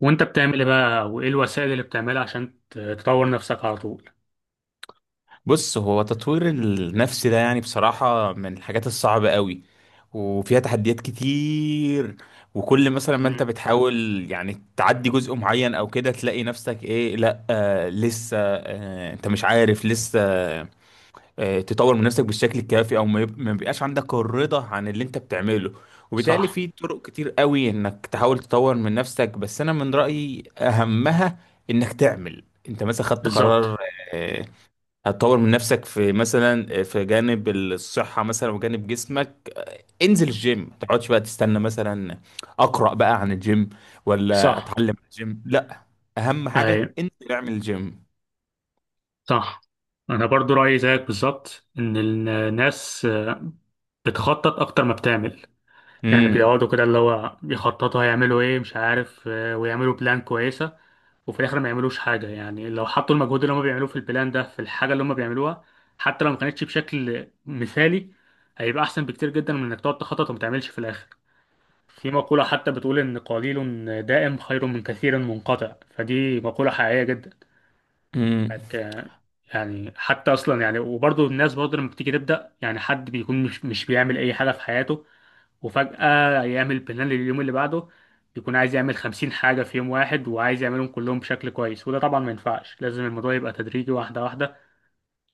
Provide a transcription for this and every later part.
وانت بتعمل ايه بقى، وايه الوسائل اللي بتعملها عشان تطور نفسك على طول؟ بص، هو تطوير النفس ده يعني بصراحة من الحاجات الصعبة قوي، وفيها تحديات كتير. وكل مثلا ما انت مم. بتحاول يعني تعدي جزء معين او كده، تلاقي نفسك ايه، لا لسه، انت مش عارف لسه تطور من نفسك بالشكل الكافي، او ما بيبقاش عندك الرضا عن اللي انت بتعمله. وبالتالي صح. في طرق كتير قوي انك تحاول تطور من نفسك، بس انا من رأيي اهمها انك تعمل. انت مثلا خدت بالظبط. قرار، آه، هتطور من نفسك في مثلا في جانب الصحة مثلا وجانب جسمك. انزل الجيم، ما تقعدش بقى تستنى مثلا، اقرأ بقى عن الجيم ولا صح. اتعلم عن الجيم، لا اهم اي. حاجة انزل اعمل الجيم. صح. انا برضو رايي زيك بالظبط ان الناس بتخطط اكتر ما بتعمل. يعني بيقعدوا كده اللي هو يخططوا هيعملوا ايه، مش عارف، ويعملوا بلان كويسه، وفي الاخر ما يعملوش حاجه. يعني لو حطوا المجهود اللي هم بيعملوه في البلان ده في الحاجه اللي هم بيعملوها، حتى لو ما كانتش بشكل مثالي، هيبقى احسن بكتير جدا من انك تقعد تخطط وما تعملش في الاخر. في مقولة حتى بتقول إن قليل دائم خير من كثير منقطع، فدي مقولة حقيقية جدا. امم. إنك، يعني حتى أصلا، يعني وبرضه الناس برضه لما بتيجي تبدأ، يعني حد بيكون مش بيعمل أي حاجة في حياته، وفجأة يعمل بلان لليوم اللي بعده، بيكون عايز يعمل 50 حاجة في يوم واحد، وعايز يعملهم كلهم بشكل كويس. وده طبعا ما ينفعش، لازم الموضوع يبقى تدريجي، واحدة واحدة،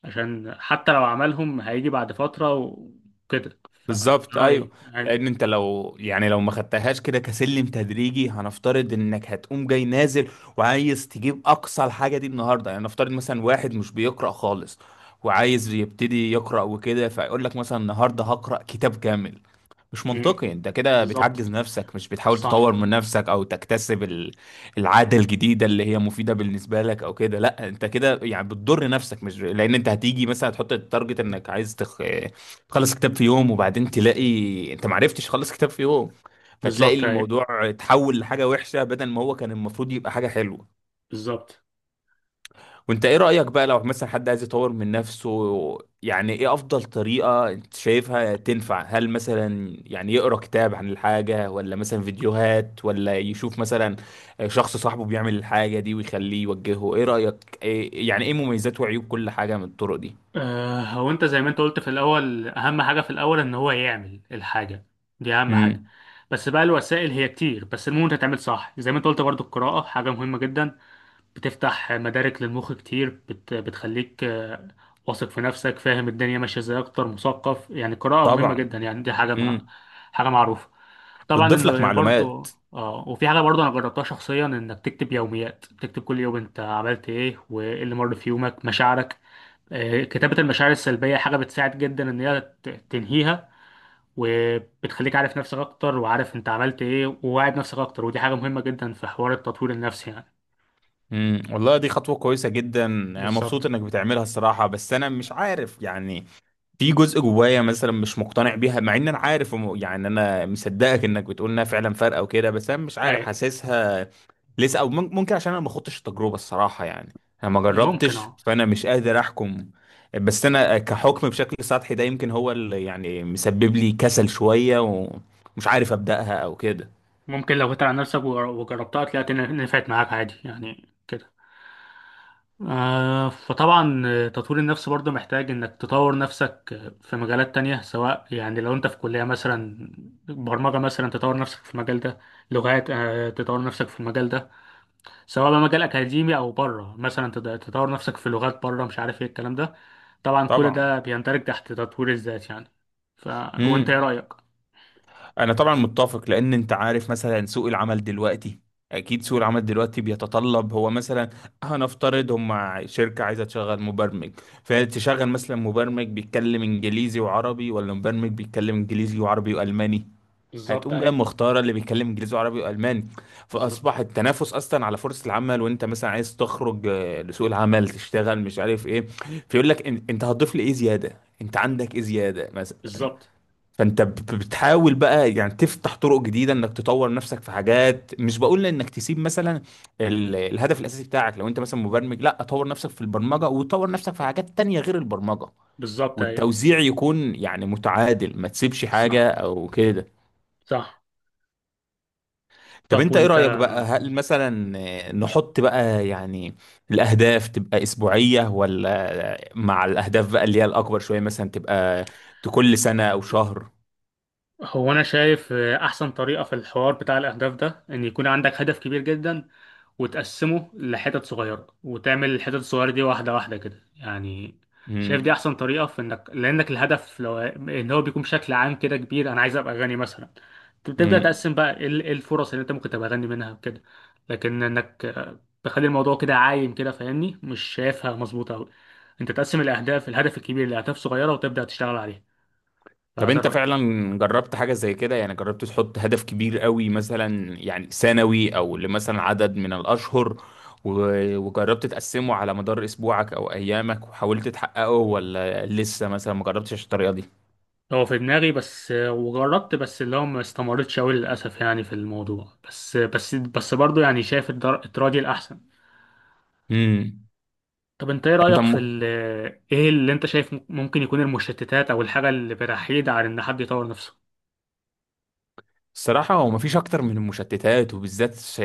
عشان حتى لو عملهم هيجي بعد فترة وكده. بالظبط ايوه. فرأيي يعني-. لان انت لو يعني لو ما خدتهاش كده كسلم تدريجي، هنفترض انك هتقوم جاي نازل وعايز تجيب اقصى الحاجه دي النهارده، يعني نفترض مثلا واحد مش بيقرا خالص وعايز يبتدي يقرا وكده، فيقول لك مثلا النهارده هقرا كتاب كامل. مش مم. منطقي، انت كده بالظبط. بتعجز نفسك، مش بتحاول تطور صح. من نفسك او تكتسب العادة الجديدة اللي هي مفيدة بالنسبة لك او كده. لا انت كده يعني بتضر نفسك، مش لان انت هتيجي مثلا هتحط التارجت انك عايز تخلص كتاب في يوم، وبعدين تلاقي انت معرفتش تخلص كتاب في يوم، فتلاقي بالظبط، أيوة. الموضوع اتحول لحاجة وحشة بدل ما هو كان المفروض يبقى حاجة حلوة. بالظبط. وانت ايه رأيك بقى لو مثلا حد عايز يطور من نفسه؟ يعني ايه افضل طريقة انت شايفها تنفع؟ هل مثلا يعني يقرأ كتاب عن الحاجة، ولا مثلا فيديوهات، ولا يشوف مثلا شخص صاحبه بيعمل الحاجة دي ويخليه يوجهه؟ ايه رأيك إيه؟ يعني ايه مميزات وعيوب كل حاجة من الطرق دي؟ هو انت زي ما انت قلت في الاول، اهم حاجه في الاول ان هو يعمل الحاجه دي، اهم حاجه. امم. بس بقى، الوسائل هي كتير، بس المهم انت تعمل صح زي ما انت قلت. برضو القراءه حاجه مهمه جدا، بتفتح مدارك للمخ كتير، بتخليك واثق في نفسك، فاهم الدنيا ماشيه ازاي، اكتر مثقف. يعني القراءه مهمه طبعا. جدا، يعني دي حاجه ما... امم. حاجه معروفه. طبعا بتضيف لك انه معلومات. برضو، وفي حاجه برضو انا جربتها شخصيا، انك تكتب يوميات، تكتب كل يوم انت عملت ايه وايه اللي مر في يومك، مشاعرك. كتابة المشاعر السلبية حاجة بتساعد جدا إن هي تنهيها، وبتخليك عارف نفسك أكتر، وعارف أنت عملت إيه، وواعد نفسك أكتر، ودي حاجة مهمة جدا في حوار التطوير النفسي يعني. امم، والله دي خطوة كويسة جدا، انا مبسوط بالظبط. انك بتعملها الصراحة. بس انا مش عارف يعني، في جزء جوايا مثلا مش مقتنع بيها، مع ان انا عارف يعني انا مصدقك انك بتقول انها فعلا فارقة وكده، بس انا مش عارف أي. حاسسها لسه. او ممكن عشان انا ما خدتش التجربة الصراحة، يعني انا ما ممكن جربتش أه. فانا مش قادر احكم. بس انا كحكم بشكل سطحي ده، يمكن هو اللي يعني مسبب لي كسل شوية ومش عارف ابدأها او كده. ممكن لو جيت على نفسك وجربتها، تلاقي نفعت معاك عادي يعني كده. فطبعا، تطوير النفس برضه محتاج إنك تطور نفسك في مجالات تانية، سواء يعني لو أنت في كلية مثلا، برمجة مثلا تطور نفسك في المجال ده، لغات، تطور نفسك في المجال ده، سواء بقى مجال اكاديمي او بره، مثلا تطور نفسك في لغات بره، مش عارف ايه الكلام ده. طبعا كل طبعا. ده بيندرج تحت تطوير الذات يعني. ف وانت ايه امم. رايك؟ انا طبعا متفق، لان انت عارف مثلا سوق العمل دلوقتي، اكيد سوق العمل دلوقتي بيتطلب. هو مثلا هنفترض هم شركة عايزة تشغل مبرمج، فتشغل مثلا مبرمج بيتكلم انجليزي وعربي، ولا مبرمج بيتكلم انجليزي وعربي والماني؟ بالظبط هتقوم جاي اهي. مختارة اللي بيتكلم انجليزي وعربي والماني. بالظبط. فاصبح التنافس اصلا على فرصة العمل. وانت مثلا عايز تخرج لسوق العمل تشتغل مش عارف ايه، فيقول لك انت هتضيف لي ايه زيادة؟ انت عندك ايه زيادة مثلا؟ بالظبط. فانت بتحاول بقى يعني تفتح طرق جديده انك تطور نفسك في حاجات. مش بقول انك تسيب مثلا الهدف الاساسي بتاعك، لو انت مثلا مبرمج لا طور نفسك في البرمجه وطور نفسك في حاجات تانية غير البرمجه. بالظبط اهي. والتوزيع يكون يعني متعادل، ما تسيبش حاجه صح. او كده. صح. طب طب انت ايه وانت. رايك بقى؟ هل مثلا نحط بقى يعني الاهداف تبقى اسبوعيه، ولا مع الاهداف بقى اللي هي الاكبر شويه مثلا تبقى كل سنه او شهر؟ هو أنا شايف أحسن طريقة في الحوار بتاع الأهداف ده إن يكون عندك هدف كبير جدا، وتقسمه لحتت صغيرة، وتعمل الحتت الصغيرة دي واحدة واحدة كده يعني. شايف دي أحسن طريقة في إنك، لأنك الهدف لو إن هو بيكون بشكل عام كده كبير، أنا عايز أبقى غني مثلا، تبدأ امم. تقسم بقى، إيه إيه الفرص اللي أنت ممكن تبقى غني منها كده. لكن إنك تخلي الموضوع كده عايم كده، فاهمني، مش شايفها مظبوطة أوي. أنت تقسم الأهداف، الهدف الكبير لأهداف صغيرة، وتبدأ تشتغل عليه، طب فده انت رأيي. فعلا جربت حاجة زي كده؟ يعني جربت تحط هدف كبير قوي مثلا، يعني سنوي او لمثلا عدد من الاشهر، وجربت تقسمه على مدار اسبوعك او ايامك وحاولت تحققه، ولا لسه مثلا ما جربتش الطريقة دي؟ هو في دماغي بس وجربت، بس اللي هو ما استمرتش أوي للأسف يعني في الموضوع، بس برضه يعني شايف التراجي الأحسن. امم. طب أنت إيه يعني انت رأيك في م- إيه اللي أنت شايف ممكن يكون المشتتات أو الحاجة اللي بتحيد على إن حد يطور نفسه؟ الصراحة هو مفيش أكتر من المشتتات، وبالذات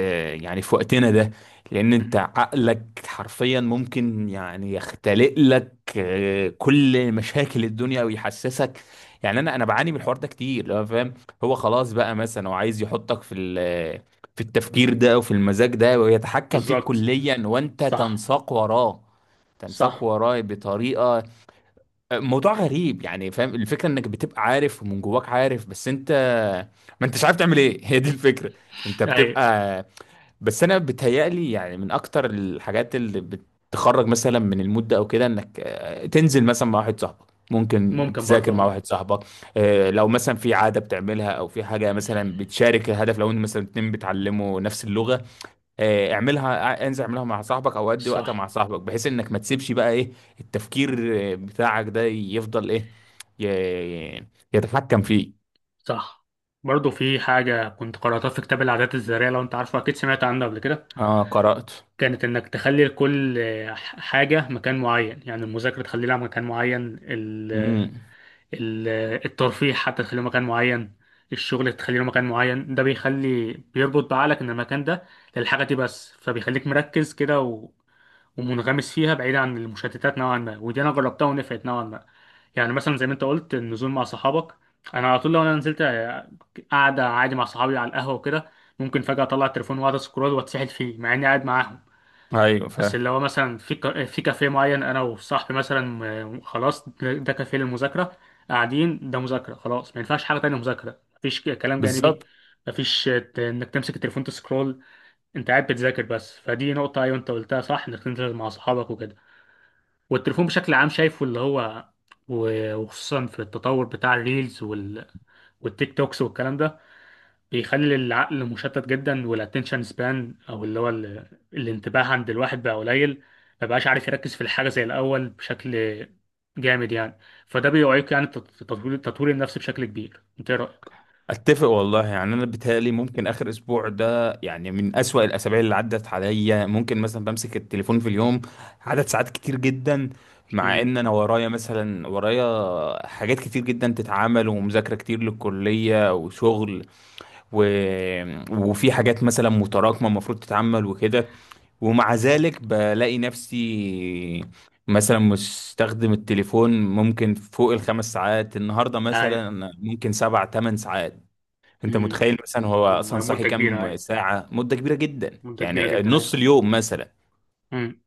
يعني في وقتنا ده. لأن أنت عقلك حرفيا ممكن يعني يختلق لك كل مشاكل الدنيا ويحسسك. يعني أنا بعاني من الحوار ده كتير لو فاهم. هو خلاص بقى مثلا هو عايز يحطك في التفكير ده وفي المزاج ده، ويتحكم فيك بالظبط. كليا وأنت صح. تنساق وراه. تنساق صح. وراه بطريقة موضوع غريب، يعني فاهم الفكرة انك بتبقى عارف ومن جواك عارف، بس انت ما انتش عارف تعمل ايه هي دي الفكرة. انت أي. بتبقى. بس انا بتهيألي يعني من اكتر الحاجات اللي بتخرج مثلا من المود ده او كده، انك تنزل مثلا مع واحد صاحبك، ممكن ممكن برضه تذاكر مع آه. واحد صاحبك. لو مثلا في عادة بتعملها او في حاجة مثلا بتشارك الهدف، لو انت مثلا اتنين بتعلموا نفس اللغة، اعملها، انزل اعملها مع صاحبك او ادي وقتها صح. مع صاحبك، بحيث انك ما تسيبش بقى ايه التفكير بتاعك ده يفضل ايه ي- يتحكم فيه. صح. برضه في حاجة كنت قرأتها في كتاب العادات الذرية، لو أنت عارفه أكيد سمعت عنه قبل كده. اه، قرأت. كانت انك تخلي لكل حاجة مكان معين، يعني المذاكرة تخلي لها مكان معين، ال امم. ال الترفيه حتى تخليه مكان معين، الشغل تخلي له مكان معين. ده بيخلي، بيربط بعقلك ان المكان ده للحاجة دي بس، فبيخليك مركز كده ومنغمس فيها بعيد عن المشتتات نوعا ما، ودي انا جربتها ونفعت نوعا ما. يعني مثلا زي ما انت قلت، النزول مع صحابك، انا على طول لو انا نزلت قاعدة عادي مع صحابي على القهوة وكده، ممكن فجأة اطلع التليفون واقعد اسكرول واتسحل فيه، مع اني قاعد معاهم. ايوه بس فاهم. اللي هو مثلا في كافيه معين، انا وصاحبي مثلا، خلاص ده كافيه للمذاكره، قاعدين ده مذاكره، خلاص ما ينفعش حاجه تانية، مذاكره، مفيش كلام جانبي، بالظبط. مفيش انك تمسك التليفون تسكرول، انت قاعد بتذاكر بس. فدي نقطه، ايوه انت قلتها صح، انك تنزل مع اصحابك وكده. والتليفون بشكل عام شايفه، اللي هو وخصوصا في التطور بتاع الريلز والتيك توكس والكلام ده، بيخلي العقل مشتت جدا، والاتنشن سبان، او اللي هو الانتباه عند الواحد بقى قليل، ما بقاش عارف يركز في الحاجه زي الاول بشكل جامد يعني. فده بيعيق يعني تطوير النفس بشكل كبير، انت ايه رايك؟ اتفق والله. يعني انا بيتهيألي ممكن اخر اسبوع ده يعني من اسوأ الاسابيع اللي عدت عليا. ممكن مثلا بمسك التليفون في اليوم عدد ساعات كتير جدا، مع امم. ان انا ورايا مثلا ورايا حاجات كتير جدا تتعمل، ومذاكرة كتير للكلية وشغل، و... وفي حاجات مثلا متراكمة المفروض تتعمل وكده. ومع ذلك بلاقي نفسي مثلا مستخدم التليفون ممكن فوق الخمس ساعات النهاردة، اي. مثلا ممكن 7 أو 8 ساعات. انت امم. متخيل؟ مثلا هو اصلا صاحي مده كبيره، كام اي. ساعة؟ مدة كبيرة جدا، مده كبيره يعني جدا، اي. نص اليوم مثلا. امم.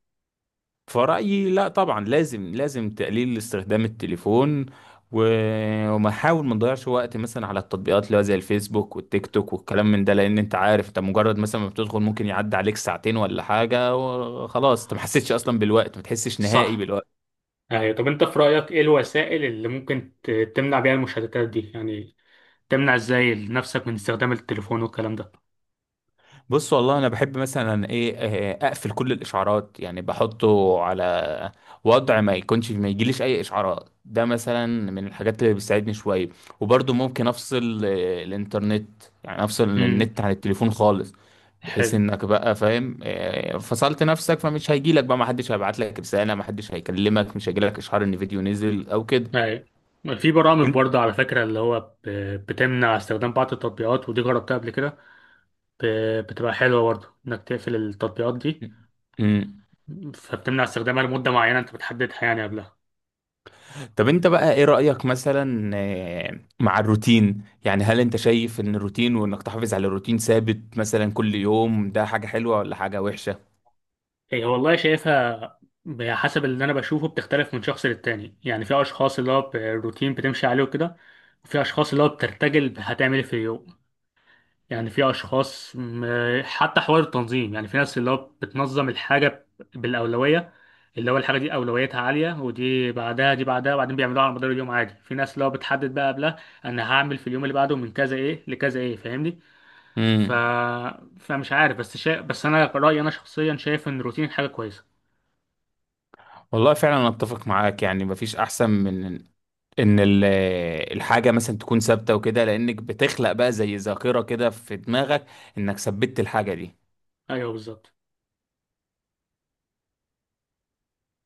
فرأيي لا، طبعا لازم لازم تقليل استخدام التليفون، وما نحاول ما نضيعش وقت مثلا على التطبيقات اللي هو زي الفيسبوك والتيك توك والكلام من ده. لان انت عارف انت مجرد مثلا ما بتدخل ممكن يعدي عليك ساعتين ولا حاجة، وخلاص انت ما حسيتش اصلا بالوقت، ما تحسش نهائي صح. بالوقت. اي. طب انت في رايك، ايه الوسائل اللي ممكن تمنع بيها المشتتات دي يعني؟ تمنع ازاي نفسك من استخدام التليفون والكلام ده؟ بص والله انا بحب مثلا ايه، اقفل كل الاشعارات، يعني بحطه على وضع ما يكونش ما يجيليش اي اشعارات. ده مثلا من الحاجات اللي بتساعدني شويه. وبرضه ممكن افصل الانترنت، يعني افصل امم. النت عن التليفون خالص، بحيث انك بقى فاهم فصلت نفسك، فمش هيجيلك بقى، ما حدش هيبعت لك رساله، ما حدش هيكلمك، مش هيجيلك اشعار ان فيديو نزل او كده. أيوة. في برامج برضه، على فكرة، اللي هو بتمنع استخدام بعض التطبيقات، ودي جربتها قبل كده، بتبقى حلوة برضه إنك تقفل التطبيقات دي، انت- فبتمنع استخدامها لمدة معينة أنت بتحددها يعني قبلها. طب انت بقى ايه رأيك مثلا مع الروتين؟ يعني هل انت شايف ان الروتين وانك تحافظ على روتين ثابت مثلا كل يوم ده حاجة حلوة ولا حاجة وحشة؟ هي والله شايفها، حسب اللي أنا بشوفه، بتختلف من شخص للتاني. يعني في أشخاص اللي هو الروتين بتمشي عليه وكده، وفي أشخاص اللي هو بترتجل هتعمل إيه في اليوم. يعني في اشخاص حتى حوار التنظيم، يعني في ناس اللي هو بتنظم الحاجه بالاولويه، اللي هو الحاجه دي اولويتها عاليه، ودي بعدها دي بعدها، وبعدين بيعملوها على مدار اليوم عادي. في ناس اللي هو بتحدد بقى قبلها، انا هعمل في اليوم اللي بعده من كذا ايه لكذا ايه، فاهمني. ف... امم. فمش عارف، بس انا رايي، انا شخصيا شايف ان الروتين حاجه كويسه. والله فعلا انا اتفق معاك، يعني مفيش احسن من ان الحاجة مثلا تكون ثابتة وكده، لانك بتخلق بقى زي ذاكرة كده في دماغك انك ثبتت الحاجة دي. ايوه بالظبط.